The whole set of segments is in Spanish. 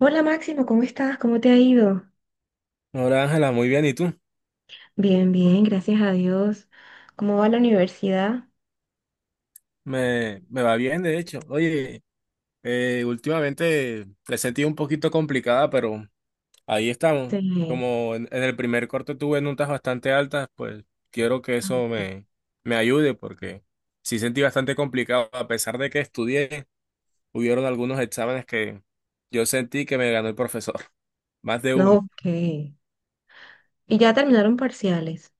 Hola Máximo, ¿cómo estás? ¿Cómo te ha ido? Hola Ángela, muy bien, ¿y tú? Bien, bien, gracias a Dios. ¿Cómo va la universidad? Me va bien, de hecho. Oye, últimamente la he sentido un poquito complicada, pero ahí estamos. Sí. Como en el primer corte tuve notas bastante altas, pues quiero que eso me ayude, porque sí sentí bastante complicado. A pesar de que estudié, hubieron algunos exámenes que yo sentí que me ganó el profesor, más de No, uno. ok. ¿Y ya terminaron parciales?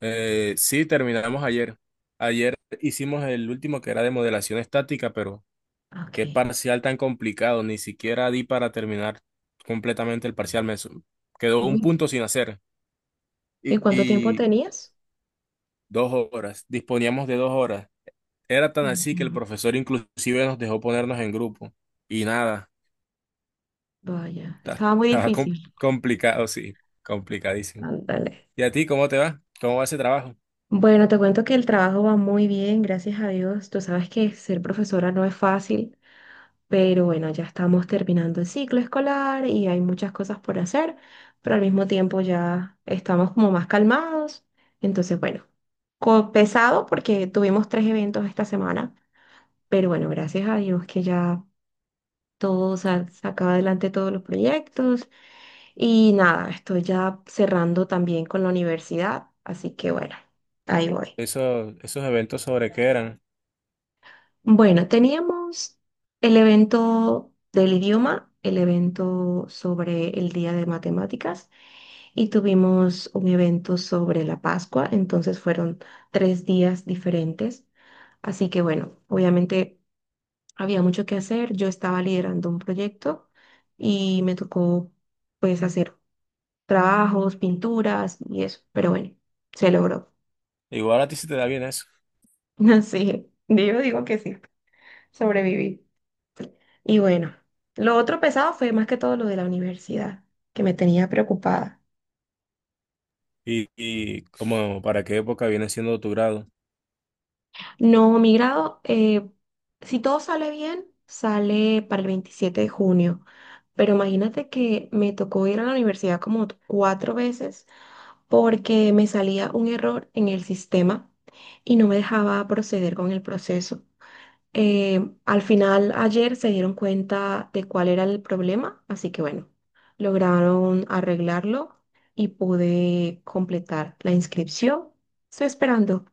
Sí, terminamos ayer. Ayer hicimos el último que era de modelación estática, pero... Ok. Qué parcial tan complicado, ni siquiera di para terminar completamente el parcial. Quedó un Uy, punto sin hacer ¿y y, cuánto tiempo y tenías? dos horas, disponíamos de dos horas. Era tan así que el Ujú. profesor inclusive nos dejó ponernos en grupo y nada, Vaya, estaba muy estaba difícil. complicado, sí, complicadísimo. Ándale. ¿Y a ti cómo te va? ¿Cómo va ese trabajo? Bueno, te cuento que el trabajo va muy bien, gracias a Dios. Tú sabes que ser profesora no es fácil. Pero bueno, ya estamos terminando el ciclo escolar y hay muchas cosas por hacer, pero al mismo tiempo ya estamos como más calmados. Entonces, bueno, pesado porque tuvimos tres eventos esta semana, pero bueno, gracias a Dios que ya todo saca adelante todos los proyectos y nada, estoy ya cerrando también con la universidad, así que bueno, ahí voy. Esos eventos sobre qué eran. Bueno, teníamos el evento del idioma, el evento sobre el Día de Matemáticas y tuvimos un evento sobre la Pascua, entonces fueron 3 días diferentes. Así que bueno, obviamente había mucho que hacer, yo estaba liderando un proyecto y me tocó pues hacer trabajos, pinturas y eso, pero bueno, se logró. Igual a ti se te da bien eso. Así, yo digo que sí, sobreviví. Y bueno, lo otro pesado fue más que todo lo de la universidad, que me tenía preocupada. ¿Y cómo, para qué época viene siendo tu grado? No, mi grado, si todo sale bien, sale para el 27 de junio. Pero imagínate que me tocó ir a la universidad como cuatro veces porque me salía un error en el sistema y no me dejaba proceder con el proceso. Al final, ayer se dieron cuenta de cuál era el problema, así que bueno, lograron arreglarlo y pude completar la inscripción. Estoy esperando.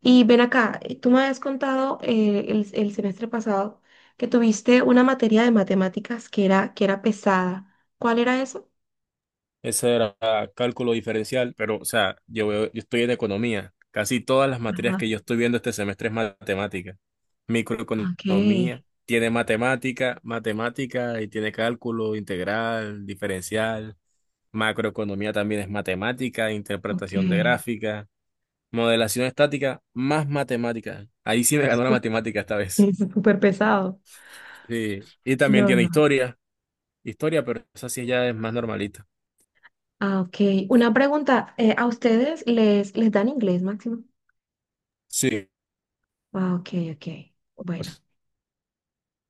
Y ven acá, tú me habías contado el semestre pasado que tuviste una materia de matemáticas que era pesada. ¿Cuál era eso? Ese era cálculo diferencial, pero, o sea, yo estoy en economía. Casi todas las materias Ajá, que yo estoy viendo este semestre es matemática. ok, Microeconomía tiene matemática, matemática y tiene cálculo integral, diferencial. Macroeconomía también es matemática, ok. interpretación de gráfica, modelación estática, más matemática. Ahí sí me ganó la matemática esta vez. Es súper pesado. Sí. Y también No, tiene no. historia, historia, pero esa sí ya es más normalita. Ah, ok. Una pregunta, ¿a ustedes les dan inglés, Máximo? Sí. Ah, ok, ok. O sea, Bueno,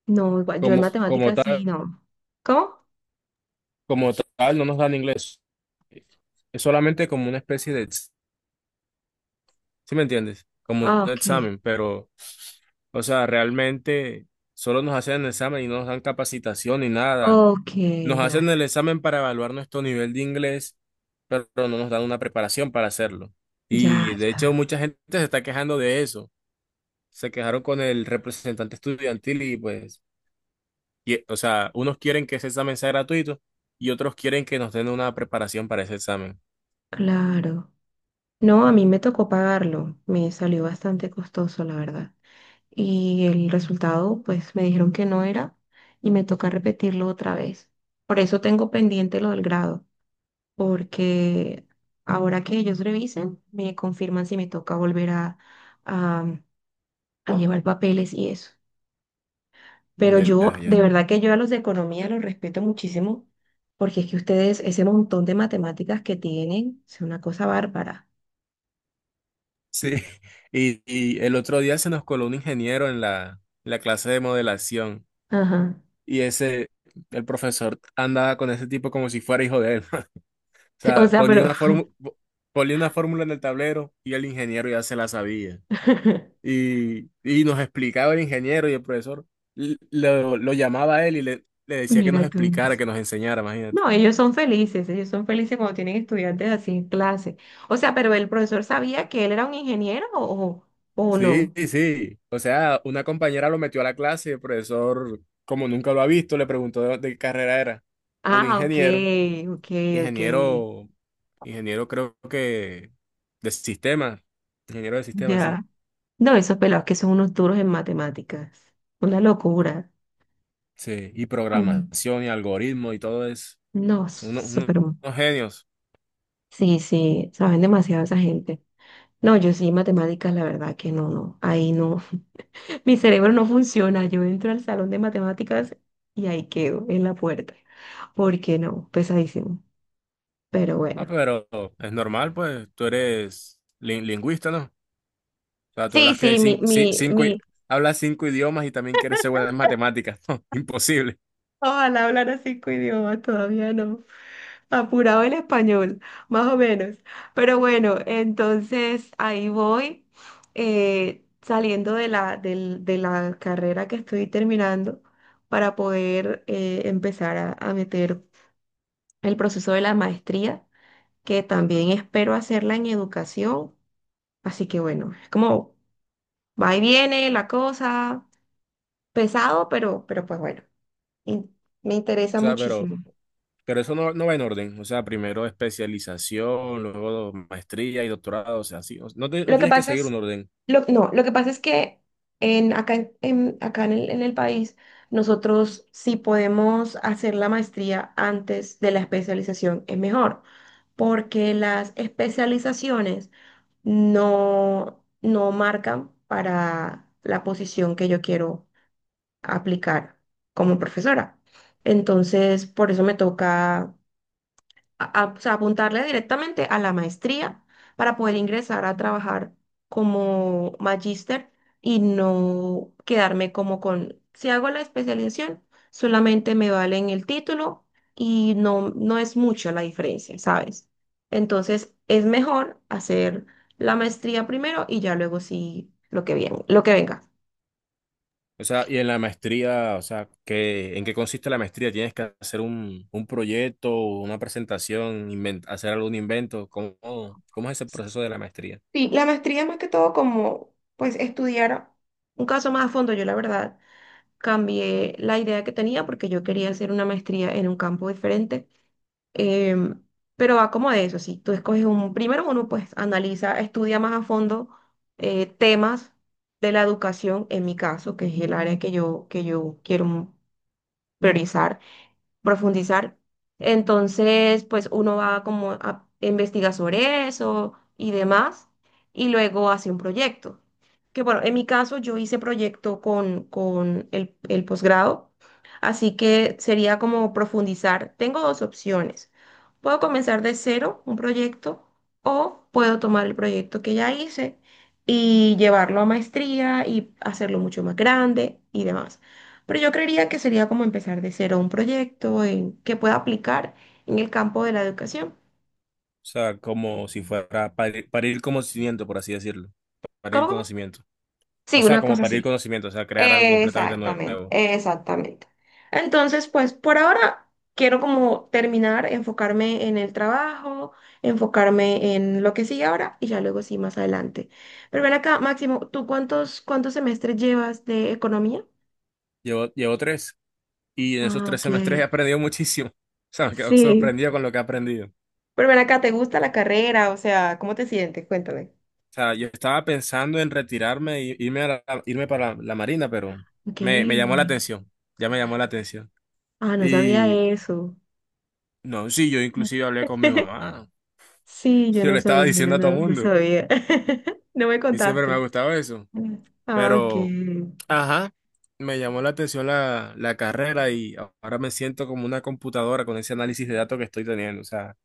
no, igual, yo en como matemáticas sí, tal. no. ¿Cómo? Como tal, no nos dan inglés. Es solamente como una especie de, ¿sí me entiendes? Como Ah, un ok. examen, pero, o sea, realmente solo nos hacen el examen y no nos dan capacitación ni nada. Ok, Nos ya, hacen el examen para evaluar nuestro nivel de inglés, pero no nos dan una preparación para hacerlo. ya, Y de hecho, mucha gente se está quejando de eso. Se quejaron con el representante estudiantil y pues, o sea, unos quieren que ese examen sea gratuito y otros quieren que nos den una preparación para ese examen. claro. No, a mí me tocó pagarlo, me salió bastante costoso, la verdad. Y el resultado, pues me dijeron que no era y me toca repetirlo otra vez. Por eso tengo pendiente lo del grado, porque ahora que ellos revisen, me confirman si me toca volver a- a llevar papeles y eso. Pero Ya, yo, de ya. verdad que yo a los de economía los respeto muchísimo, porque es que ustedes, ese montón de matemáticas que tienen, es una cosa bárbara. Sí, y el otro día se nos coló un ingeniero en la clase de modelación Ajá. y ese, el profesor andaba con ese tipo como si fuera hijo de él. O O sea, sea, pero... ponía una fórmula en el tablero y el ingeniero ya se la sabía. Y nos explicaba el ingeniero y el profesor lo llamaba a él y le decía que nos Mira tú. explicara, que nos enseñara, imagínate. No, ellos son felices cuando tienen estudiantes así en clase. O sea, pero el profesor sabía que él era un ingeniero o Sí, no. sí. O sea, una compañera lo metió a la clase, el profesor, como nunca lo ha visto, le preguntó de qué carrera era. Un Ah, ok, ingeniero, ok, ok. ingeniero, ingeniero creo que de sistema, ingeniero de sistema, sí. Ya. No, esos pelados que son unos duros en matemáticas. Una locura. Sí, y Mm. programación y algoritmo y todo eso. No, Son unos, unos- súper. unos genios. Sí, sí, saben demasiado esa gente. No, yo sí, matemáticas, la verdad que no, no. Ahí no. Mi cerebro no funciona. Yo entro al salón de matemáticas y ahí quedo en la puerta. ¿Por qué no? Pesadísimo. Pero Ah, bueno. pero es normal, pues, tú eres lingüista, ¿no? O sea, tú Sí, hablas que hay sí, mi, mi, cinco, mi. hablas cinco idiomas y también quieres ser buena en matemáticas, ¿no? Imposible. Ojalá hablar cinco idiomas, todavía no. Apurado el español, más o menos. Pero bueno, entonces ahí voy, saliendo de la carrera que estoy terminando para poder empezar a meter el proceso de la maestría, que también espero hacerla en educación. Así que bueno, es como va y viene la cosa, pesado, pero pues bueno, in- me O interesa sea, pero... muchísimo. Pero eso no va en orden, o sea, primero especialización, luego maestría y doctorado, o sea, así, no Lo que tienes que pasa seguir es, un orden. lo, no, lo que pasa es que en, acá, en, acá en el país nosotros si podemos hacer la maestría antes de la especialización es mejor, porque las especializaciones no, no marcan para la posición que yo quiero aplicar como profesora. Entonces, por eso me toca o sea, apuntarle directamente a la maestría para poder ingresar a trabajar como magíster y no quedarme como con, si hago la especialización, solamente me valen el título y no, no es mucho la diferencia, ¿sabes? Entonces es mejor hacer la maestría primero y ya luego sí lo que bien, lo que venga. O sea, y en la maestría, o sea, ¿qué, en qué consiste la maestría? ¿Tienes que hacer un proyecto, una presentación, hacer algún invento? ¿Cómo, cómo es ese proceso de la maestría? Sí, la maestría es más que todo como pues estudiar un caso más a fondo, yo la verdad. Cambié la idea que tenía porque yo quería hacer una maestría en un campo diferente. em, pero va como de eso, si tú escoges un, primero uno pues analiza, estudia más a fondo temas de la educación, en mi caso, que es el área que yo quiero priorizar profundizar. Entonces, pues uno va como a investigar sobre eso y demás, y luego hace un proyecto. Que bueno, en mi caso yo hice proyecto con el posgrado, así que sería como profundizar. Tengo dos opciones. Puedo comenzar de cero un proyecto o puedo tomar el proyecto que ya hice y llevarlo a maestría y hacerlo mucho más grande y demás. Pero yo creería que sería como empezar de cero un proyecto en, que pueda aplicar en el campo de la educación. O sea, como si fuera parir conocimiento, por así decirlo, parir ¿Cómo, cómo? conocimiento. O Sí, sea, una como cosa parir así. conocimiento, o sea, crear algo completamente Exactamente, nuevo. exactamente. Entonces, pues por ahora quiero como terminar, enfocarme en el trabajo, enfocarme en lo que sigue ahora y ya luego sí más adelante. Pero ven acá, Máximo, ¿tú cuántos, cuántos semestres llevas de economía? Llevo tres. Y en esos Ah, tres ok. semestres he aprendido muchísimo. O sea, me quedo Sí. sorprendido con lo que he aprendido. O Pero ven acá, ¿te gusta la carrera? O sea, ¿cómo te sientes? Cuéntame. sea, yo estaba pensando en retirarme y irme para la Marina, pero Ok. Me llamó la atención. Ya me llamó la atención. Ah, no sabía Y eso. no, sí, yo inclusive hablé con mi mamá. Sí, yo Yo le no estaba sabía, diciendo a todo el no, no mundo. sabía. No me Y siempre me ha contaste. gustado eso. Ah, ok. Pero, ajá, me llamó la atención la carrera y ahora me siento como una computadora con ese análisis de datos que estoy teniendo. O sea,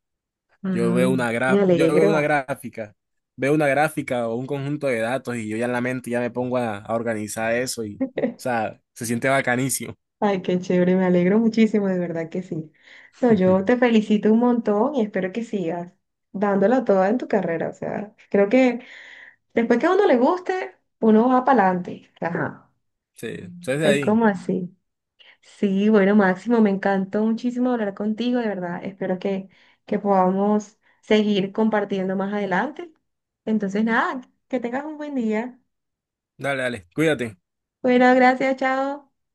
Ah, me yo alegro. Veo una gráfica o un conjunto de datos y yo ya en la mente ya me pongo a organizar eso y, o sea, se siente bacanísimo. Ay, qué chévere, me alegro muchísimo, de verdad que sí. No, yo te felicito un montón y espero que sigas dándola toda en tu carrera. O sea, creo que después que a uno le guste, uno va para adelante. Ajá. Sí, entonces de Es ahí. como así. Sí, bueno, Máximo, me encantó muchísimo hablar contigo, de verdad. Espero que podamos seguir compartiendo más adelante. Entonces, nada, que tengas un buen día. Dale, dale, cuídate. Bueno, gracias, chao.